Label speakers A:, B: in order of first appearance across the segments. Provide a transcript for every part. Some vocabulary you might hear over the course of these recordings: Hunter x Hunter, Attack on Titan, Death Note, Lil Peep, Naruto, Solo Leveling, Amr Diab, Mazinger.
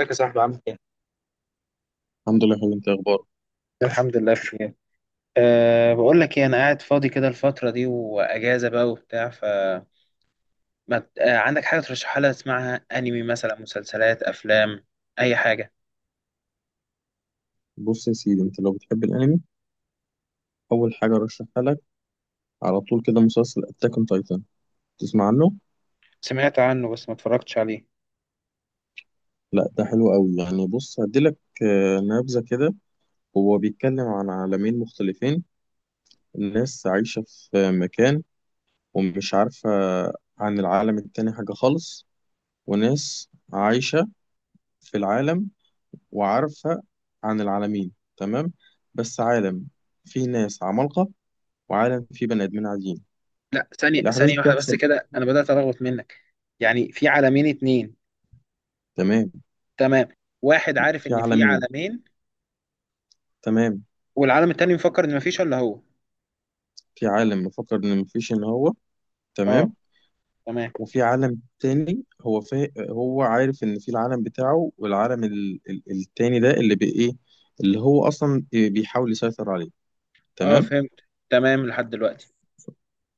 A: ازيك يا صاحبي، عامل ايه؟
B: الحمد لله يا حبيبي، انت إيه اخبارك؟
A: الحمد لله بخير. أه بقول لك ايه، انا قاعد فاضي كده الفتره دي واجازه بقى وبتاع. ف ما... ت- أه عندك حاجه ترشحها لي؟ اسمعها، انمي مثلا، مسلسلات، افلام، اي حاجه.
B: بص يا سيدي، انت لو بتحب الانمي، اول حاجه ارشحها لك على طول كده مسلسل اتاك اون تايتان. تسمع عنه؟
A: سمعت عنه بس ما اتفرجتش عليه.
B: لا، ده حلو قوي يعني. بص هديلك نبذه كده. هو بيتكلم عن عالمين مختلفين. الناس عايشه في مكان ومش عارفه عن العالم التاني حاجه خالص، وناس عايشه في العالم وعارفه عن العالمين. تمام. بس عالم فيه ناس عمالقه وعالم فيه بني ادمين عاديين.
A: لا، ثانيه
B: الاحداث
A: ثانيه واحده بس
B: بتحصل.
A: كده، انا بدات ارغوت منك. يعني في عالمين اتنين؟
B: تمام.
A: تمام. واحد عارف
B: في
A: ان في
B: عالمين.
A: عالمين،
B: تمام.
A: والعالم التاني مفكر ان مفيش الا هو.
B: في عالم مفكر ان مفيش ان هو.
A: اه.
B: تمام.
A: تمام.
B: وفي عالم تاني هو عارف ان في العالم بتاعه، والعالم التاني ده اللي بي... ايه اللي هو اصلا بيحاول يسيطر عليه.
A: اه،
B: تمام.
A: فهمت. تمام لحد دلوقتي.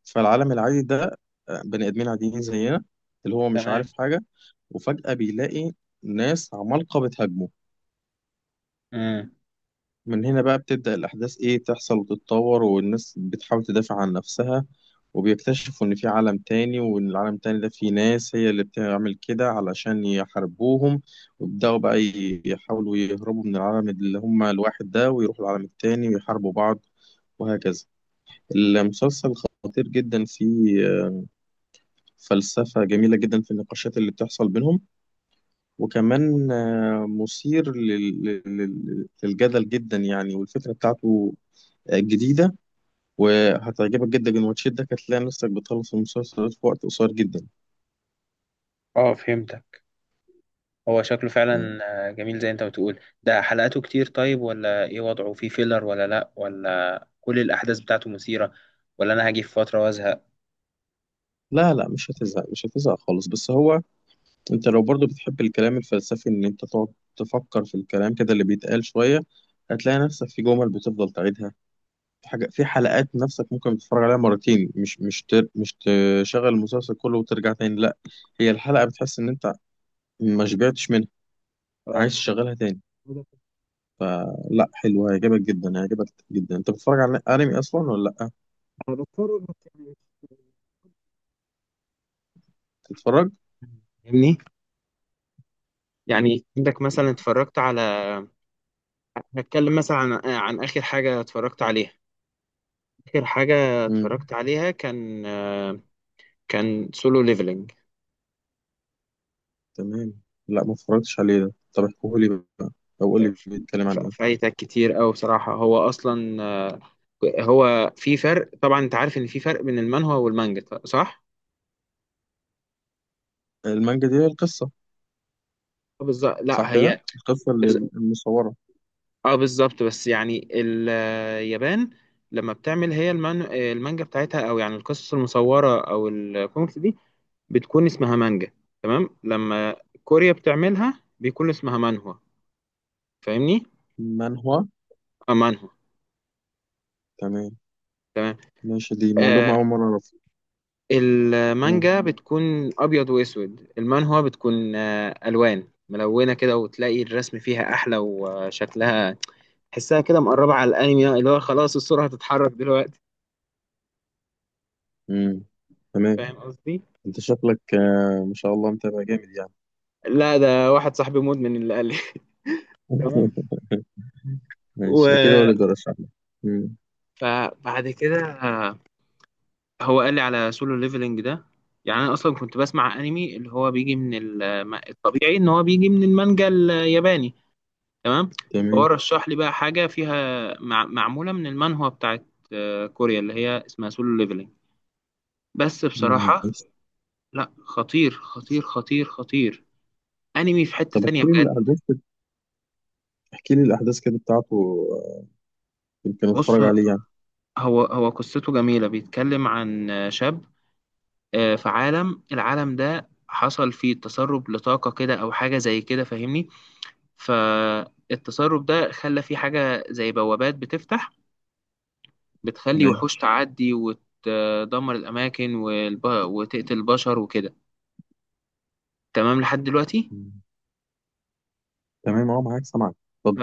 B: فالعالم العادي ده بني ادمين عاديين زينا، اللي هو مش
A: تمام.
B: عارف حاجة، وفجأة بيلاقي ناس عمالقة بتهاجمه.
A: امم.
B: من هنا بقى بتبدأ الأحداث تحصل وتتطور، والناس بتحاول تدافع عن نفسها، وبيكتشفوا إن في عالم تاني وإن العالم التاني ده فيه ناس هي اللي بتعمل كده علشان يحاربوهم. ويبدأوا بقى يحاولوا يهربوا من العالم اللي هم الواحد ده ويروحوا العالم التاني ويحاربوا بعض، وهكذا. المسلسل خطير جدا، فيه فلسفة جميلة جدا في النقاشات اللي بتحصل بينهم، وكمان مثير للجدل جدا يعني، والفكرة بتاعته جديدة، وهتعجبك جدا الماتشات. ده هتلاقي نفسك بتخلص المسلسل في وقت قصير جدا
A: اه، فهمت. هو شكله
B: يعني.
A: فعلا. جميل. زي انت بتقول، ده حلقاته كتير طيب ولا ايه؟ وضعه فيه فيلر ولا لا ولا... كل الاحداث بتاعته مثيرة، ولا انا هاجي في فترة وازهق؟
B: لا، لا، مش هتزهق مش هتزهق خالص. بس هو انت لو برضو بتحب الكلام الفلسفي ان انت تقعد تفكر في الكلام كده اللي بيتقال شوية، هتلاقي نفسك في جمل بتفضل تعيدها. في حاجة، في حلقات نفسك ممكن تتفرج عليها مرتين، مش تشغل المسلسل كله وترجع تاني، لا. هي الحلقة بتحس ان انت ما شبعتش منها،
A: اه.
B: عايز
A: انا عارف
B: تشغلها تاني.
A: ده.
B: لا، حلوة، هيعجبك جدا هيعجبك جدا. انت بتتفرج على انمي اصلا ولا لا؟
A: انا بضطر انك، يعني،
B: بتتفرج؟
A: فاهمني. يعني عندك مثلا اتفرجت على... هتكلم مثلا عن عن اخر حاجه اتفرجت عليها. اخر حاجه
B: امم.
A: اتفرجت عليها كان كان سولو ليفلنج.
B: تمام. لا، ما اتفرجتش عليه ده، طب احكوه لي بقى، او قول لي بيتكلم عن ايه.
A: فايتك كتير أوي بصراحه. هو اصلا هو في فرق طبعا. انت عارف ان في فرق بين المانهوا والمانجا، صح؟
B: المانجا دي هي القصه؟
A: بالظبط.
B: صح
A: لا
B: كده،
A: هي
B: القصه
A: بز-
B: اللي المصوره.
A: اه بالظبط. بس يعني اليابان لما بتعمل هي المانجا بتاعتها، او يعني القصص المصوره او الكوميكس دي، بتكون اسمها مانجا. تمام. لما كوريا بتعملها بيكون اسمها مانهوا. فاهمني؟
B: منهوا؟
A: اه، مانهوا.
B: تمام، ماشي، دي معلومه
A: آه.
B: اول مره اعرفها. آه.
A: المانجا بتكون ابيض واسود. المانهوا بتكون الوان ملونه كده، وتلاقي الرسم فيها احلى، وشكلها تحسها كده مقربة على الأنمي، اللي هو خلاص الصورة هتتحرك دلوقتي.
B: امم. تمام.
A: فاهم قصدي؟
B: انت شكلك ما شاء الله متابع جامد يعني.
A: لا، ده واحد صاحبي مدمن اللي قال لي. تمام.
B: ماشي، اكيد هو اللي
A: و
B: بيرشح لي. امم.
A: فبعد كده هو قال لي على سولو ليفلنج ده. يعني أنا أصلا كنت بسمع أنمي اللي هو بيجي من الطبيعي إن هو بيجي من المانجا الياباني. تمام. فهو
B: تمام.
A: رشح لي بقى حاجة فيها، معمولة من المانهوا بتاعت كوريا، اللي هي اسمها سولو ليفلنج. بس بصراحة،
B: ماشي،
A: لا، خطير خطير خطير خطير. انمي في حتة
B: طب
A: تانية
B: احكي لي
A: بجد.
B: الاحداث، احكي لي الاحداث كده بتاعته، يمكن
A: بص.
B: اتفرج عليه يعني.
A: هو قصته جميلة، بيتكلم عن شاب في العالم ده حصل فيه تسرب لطاقة كده، أو حاجة زي كده، فاهمني؟ فالتسرب ده خلى فيه حاجة زي بوابات بتفتح، بتخلي
B: تمام.
A: وحوش تعدي وتدمر الأماكن وتقتل البشر وكده. تمام لحد دلوقتي.
B: مم. تمام، اه، معاك سامعك.
A: ف...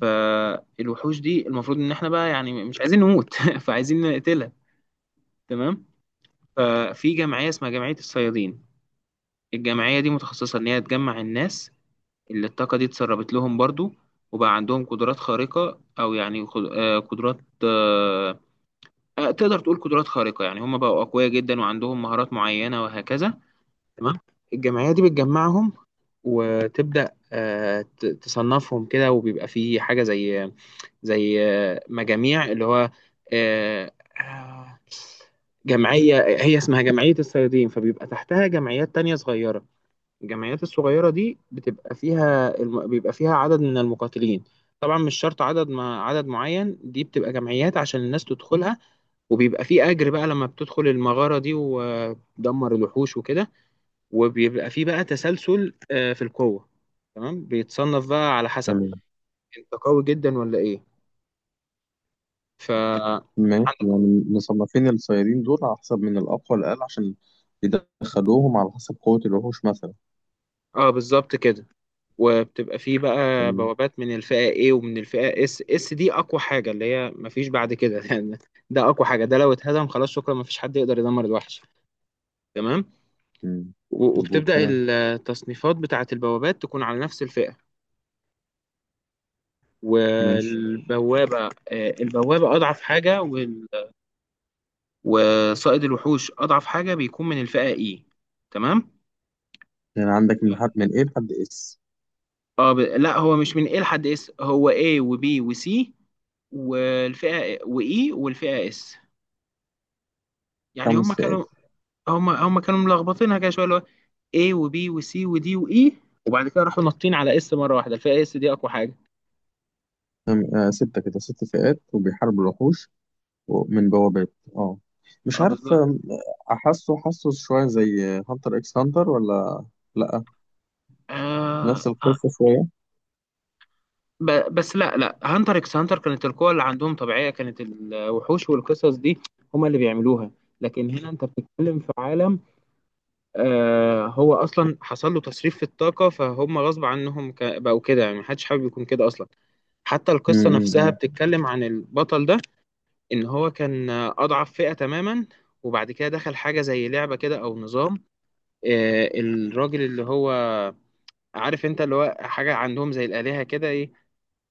A: فالوحوش دي المفروض إن إحنا بقى، يعني، مش عايزين نموت فعايزين نقتلها. تمام. ففي جمعية اسمها جمعية الصيادين. الجمعية دي متخصصة إن هي تجمع الناس اللي الطاقة دي اتسربت لهم برضو، وبقى عندهم قدرات خارقة، أو يعني قدرات، آه، تقدر تقول قدرات خارقة، يعني هم بقوا أقوياء جدا وعندهم مهارات معينة وهكذا. تمام. الجمعية دي بتجمعهم، وتبدأ تصنفهم كده، وبيبقى في حاجة زي زي مجاميع، اللي هو آه، آه، جمعية هي اسمها جمعية الصيادين، فبيبقى تحتها جمعيات تانية صغيرة. الجمعيات الصغيرة دي بيبقى فيها عدد من المقاتلين. طبعا مش شرط عدد، ما عدد معين، دي بتبقى جمعيات عشان الناس تدخلها. وبيبقى في أجر بقى لما بتدخل المغارة دي وتدمر الوحوش وكده. وبيبقى في بقى تسلسل، في القوة. تمام. بيتصنف بقى على حسب
B: اتفضل.
A: انت قوي جدا ولا ايه. ف
B: ماشي،
A: عندك-
B: يعني مصنفين الصيادين دول على حسب من الأقوى للأقل، عشان يدخلوهم على حسب قوة الوحوش مثلا.
A: اه، بالظبط كده. وبتبقى فيه بقى
B: تمام.
A: بوابات من الفئة A ومن الفئة S. S دي أقوى حاجة، اللي هي مفيش بعد كده يعني. ده أقوى حاجة، ده لو اتهدم خلاص شكرا، مفيش حد يقدر يدمر الوحش. تمام.
B: مم. مظبوط.
A: وبتبدأ
B: تمام.
A: التصنيفات بتاعة البوابات تكون على نفس الفئة.
B: ماشي.
A: والبوابة البوابة أضعف حاجة، وصائد الوحوش أضعف حاجة بيكون من الفئة E. تمام.
B: يعني عندك من حد من إيه لحد إس؟
A: اه، لا، هو مش من A لحد S، هو A و B و C والفئة و E والفئة S. يعني
B: خمس
A: هم
B: فئات.
A: كانوا... هم كانوا ملخبطينها كده شويه، اللي هو A و B و C و D و E. وبعد كده راحوا نطين على S مره واحده، الفئه S دي اقوى حاجه.
B: تمام. آه، ستة كده، ست فئات، وبيحاربوا الوحوش من بوابات. اه، مش
A: اه،
B: عارف،
A: بالظبط.
B: حاسه شوية زي هانتر إكس هانتر، ولا؟ لأ، نفس
A: آه آه،
B: القصة شوية.
A: بس لا لا، هانتر اكس هانتر كانت القوة اللي عندهم طبيعية، كانت الوحوش والقصص دي هما اللي بيعملوها. لكن هنا انت بتتكلم في عالم هو اصلا حصل له تصريف في الطاقة، فهم غصب عنهم بقوا كده، يعني محدش حابب يكون كده اصلا. حتى
B: مم،
A: القصة
B: مم،
A: نفسها
B: مم.
A: بتتكلم عن البطل ده، ان هو كان اضعف فئة تماما. وبعد كده دخل حاجة زي لعبة كده او نظام، الراجل، اللي هو عارف انت، اللي هو حاجة عندهم زي الآلهة كده، ايه،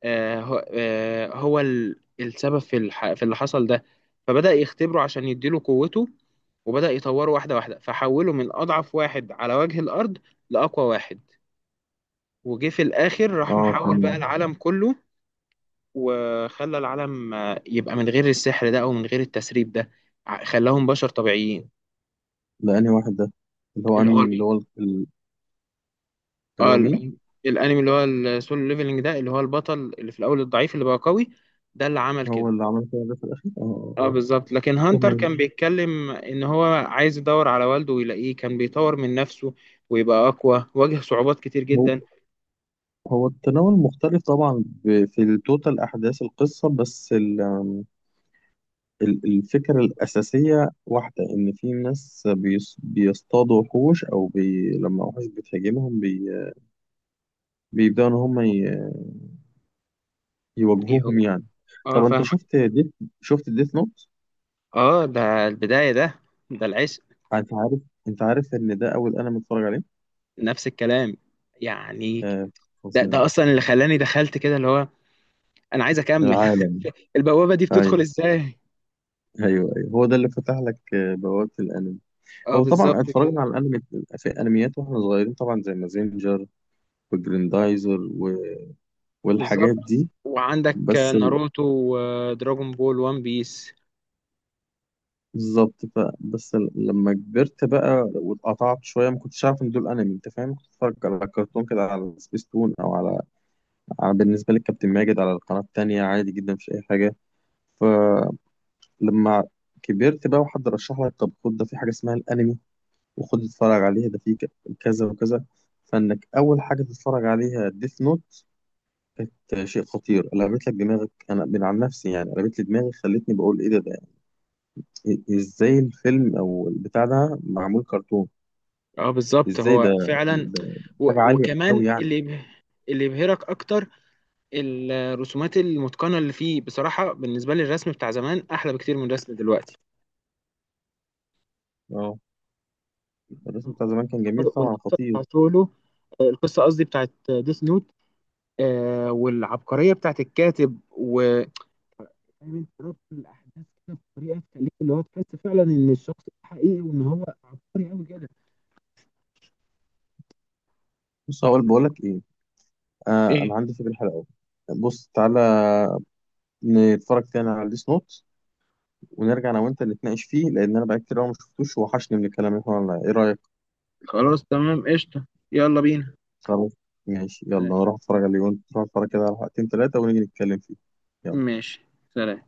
A: هو السبب في اللي حصل ده. فبدأ يختبره عشان يديله قوته، وبدأ يطوره واحدة واحدة، فحوله من أضعف واحد على وجه الأرض لأقوى واحد. وجه في الآخر راح
B: اه،
A: محول بقى
B: تمام.
A: العالم كله، وخلى العالم يبقى من غير السحر ده او من غير التسريب ده. خلاهم بشر طبيعيين.
B: ده أنهي واحد ده؟ اللي هو
A: اللي هو
B: أمين، اللي هو ال- اللي
A: اه،
B: هو مين؟
A: الانمي اللي هو السولو ليفلنج ده، اللي هو البطل اللي في الاول الضعيف اللي بقى قوي، ده اللي عمل
B: هو
A: كده.
B: اللي عمل كده ده في الأخير؟ اه، اه،
A: اه،
B: آه.
A: بالظبط. لكن هانتر
B: تمام.
A: كان بيتكلم ان هو عايز يدور على والده ويلاقيه، كان بيطور من نفسه ويبقى اقوى، واجه صعوبات كتير
B: هو
A: جدا.
B: هو التناول مختلف طبعا، في توتال أحداث القصة، بس الفكرة الأساسية واحدة، إن في ناس بيصطادوا وحوش، أو لما وحوش بتهاجمهم بيبدأوا إن هم يواجهوهم
A: يهو-
B: يعني.
A: اه،
B: طب أنت
A: فاهمك.
B: شفت ديث نوت؟
A: اه، ده البداية ده. ده العشق.
B: أنت عارف أنت عارف إن ده أول أنا متفرج عليه؟
A: نفس الكلام، يعني.
B: آه،
A: ده
B: فظيع.
A: ده اصلا اللي خلاني دخلت كده، اللي هو أنا عايز أكمّل.
B: العالم.
A: البوابة دي بتدخل
B: أيوه،
A: إزاي؟
B: أيوه، أيوه، هو ده اللي فتح لك بوابة الأنمي. هو طبعا
A: بالضبط
B: اتفرجنا
A: كده،
B: على الانمي. في انميات واحنا صغيرين طبعا، زي مازينجر وجريندايزر والحاجات
A: بالضبط.
B: دي.
A: وعندك
B: بس ال-
A: ناروتو ودراجون بول، وان بيس.
B: بالظبط لما كبرت بقى واتقطعت شويه، ما كنتش عارف ان دول انمي انت فاهم. كنت اتفرج على كرتون كده، على سبيس تون او على، بالنسبه للكابتن ماجد، على القناه التانيه عادي جدا، مش اي حاجه. فلما كبرت بقى وحد رشح لك، طب خد ده في حاجه اسمها الانمي، وخد اتفرج عليها ده في كذا وكذا. فانك اول حاجه تتفرج عليها ديث نوت، شيء خطير، قلبت لك دماغك. انا من عن نفسي يعني قلبت لي دماغي، خلتني بقول ايه ده إيه، ازاي الفيلم او البتاع ده معمول كرتون؟
A: بالضبط،
B: ازاي
A: هو
B: ده,
A: فعلًا.
B: ده
A: و
B: حاجه عاليه قوي
A: وكمان
B: يعني.
A: اللي يبهرك أكتر الرسومات المُتقَنة اللي فيه. بصراحة بالنسبة لي الرسم بتاع زمان أحلى بكتير من الرسم دلوقتي.
B: اه. الرسم بتاع زمان كان جميل طبعا،
A: والقصة
B: خطير.
A: بتاعة سولو، القصة، قصدي، بتاعة Death Note، والعبقرية بتاعة الكاتب فاهم انت ربط الاحداث كده بطريقه تخليك، اللي هو، تحس فعلا ان الشخص ده حقيقي وان هو عبقري قوي كده.
B: بص، بقول لك ايه. آه، انا
A: ايه؟
B: عندي فكره حلوه قوي. بص تعالى، نتفرج تاني على ديس نوت، ونرجع انا وانت نتناقش فيه، لان انا بقى كتير قوي ما شفتوش، وحشني من الكلام اللي احنا قلناه. ايه رايك؟
A: خلاص، تمام، قشطة. يلا بينا.
B: خلاص، ماشي، يلا
A: آه،
B: نروح اتفرج عليه، وانت تروح اتفرج كده على حلقتين ثلاثه، ونيجي نتكلم فيه. يلا.
A: ماشي، سلام.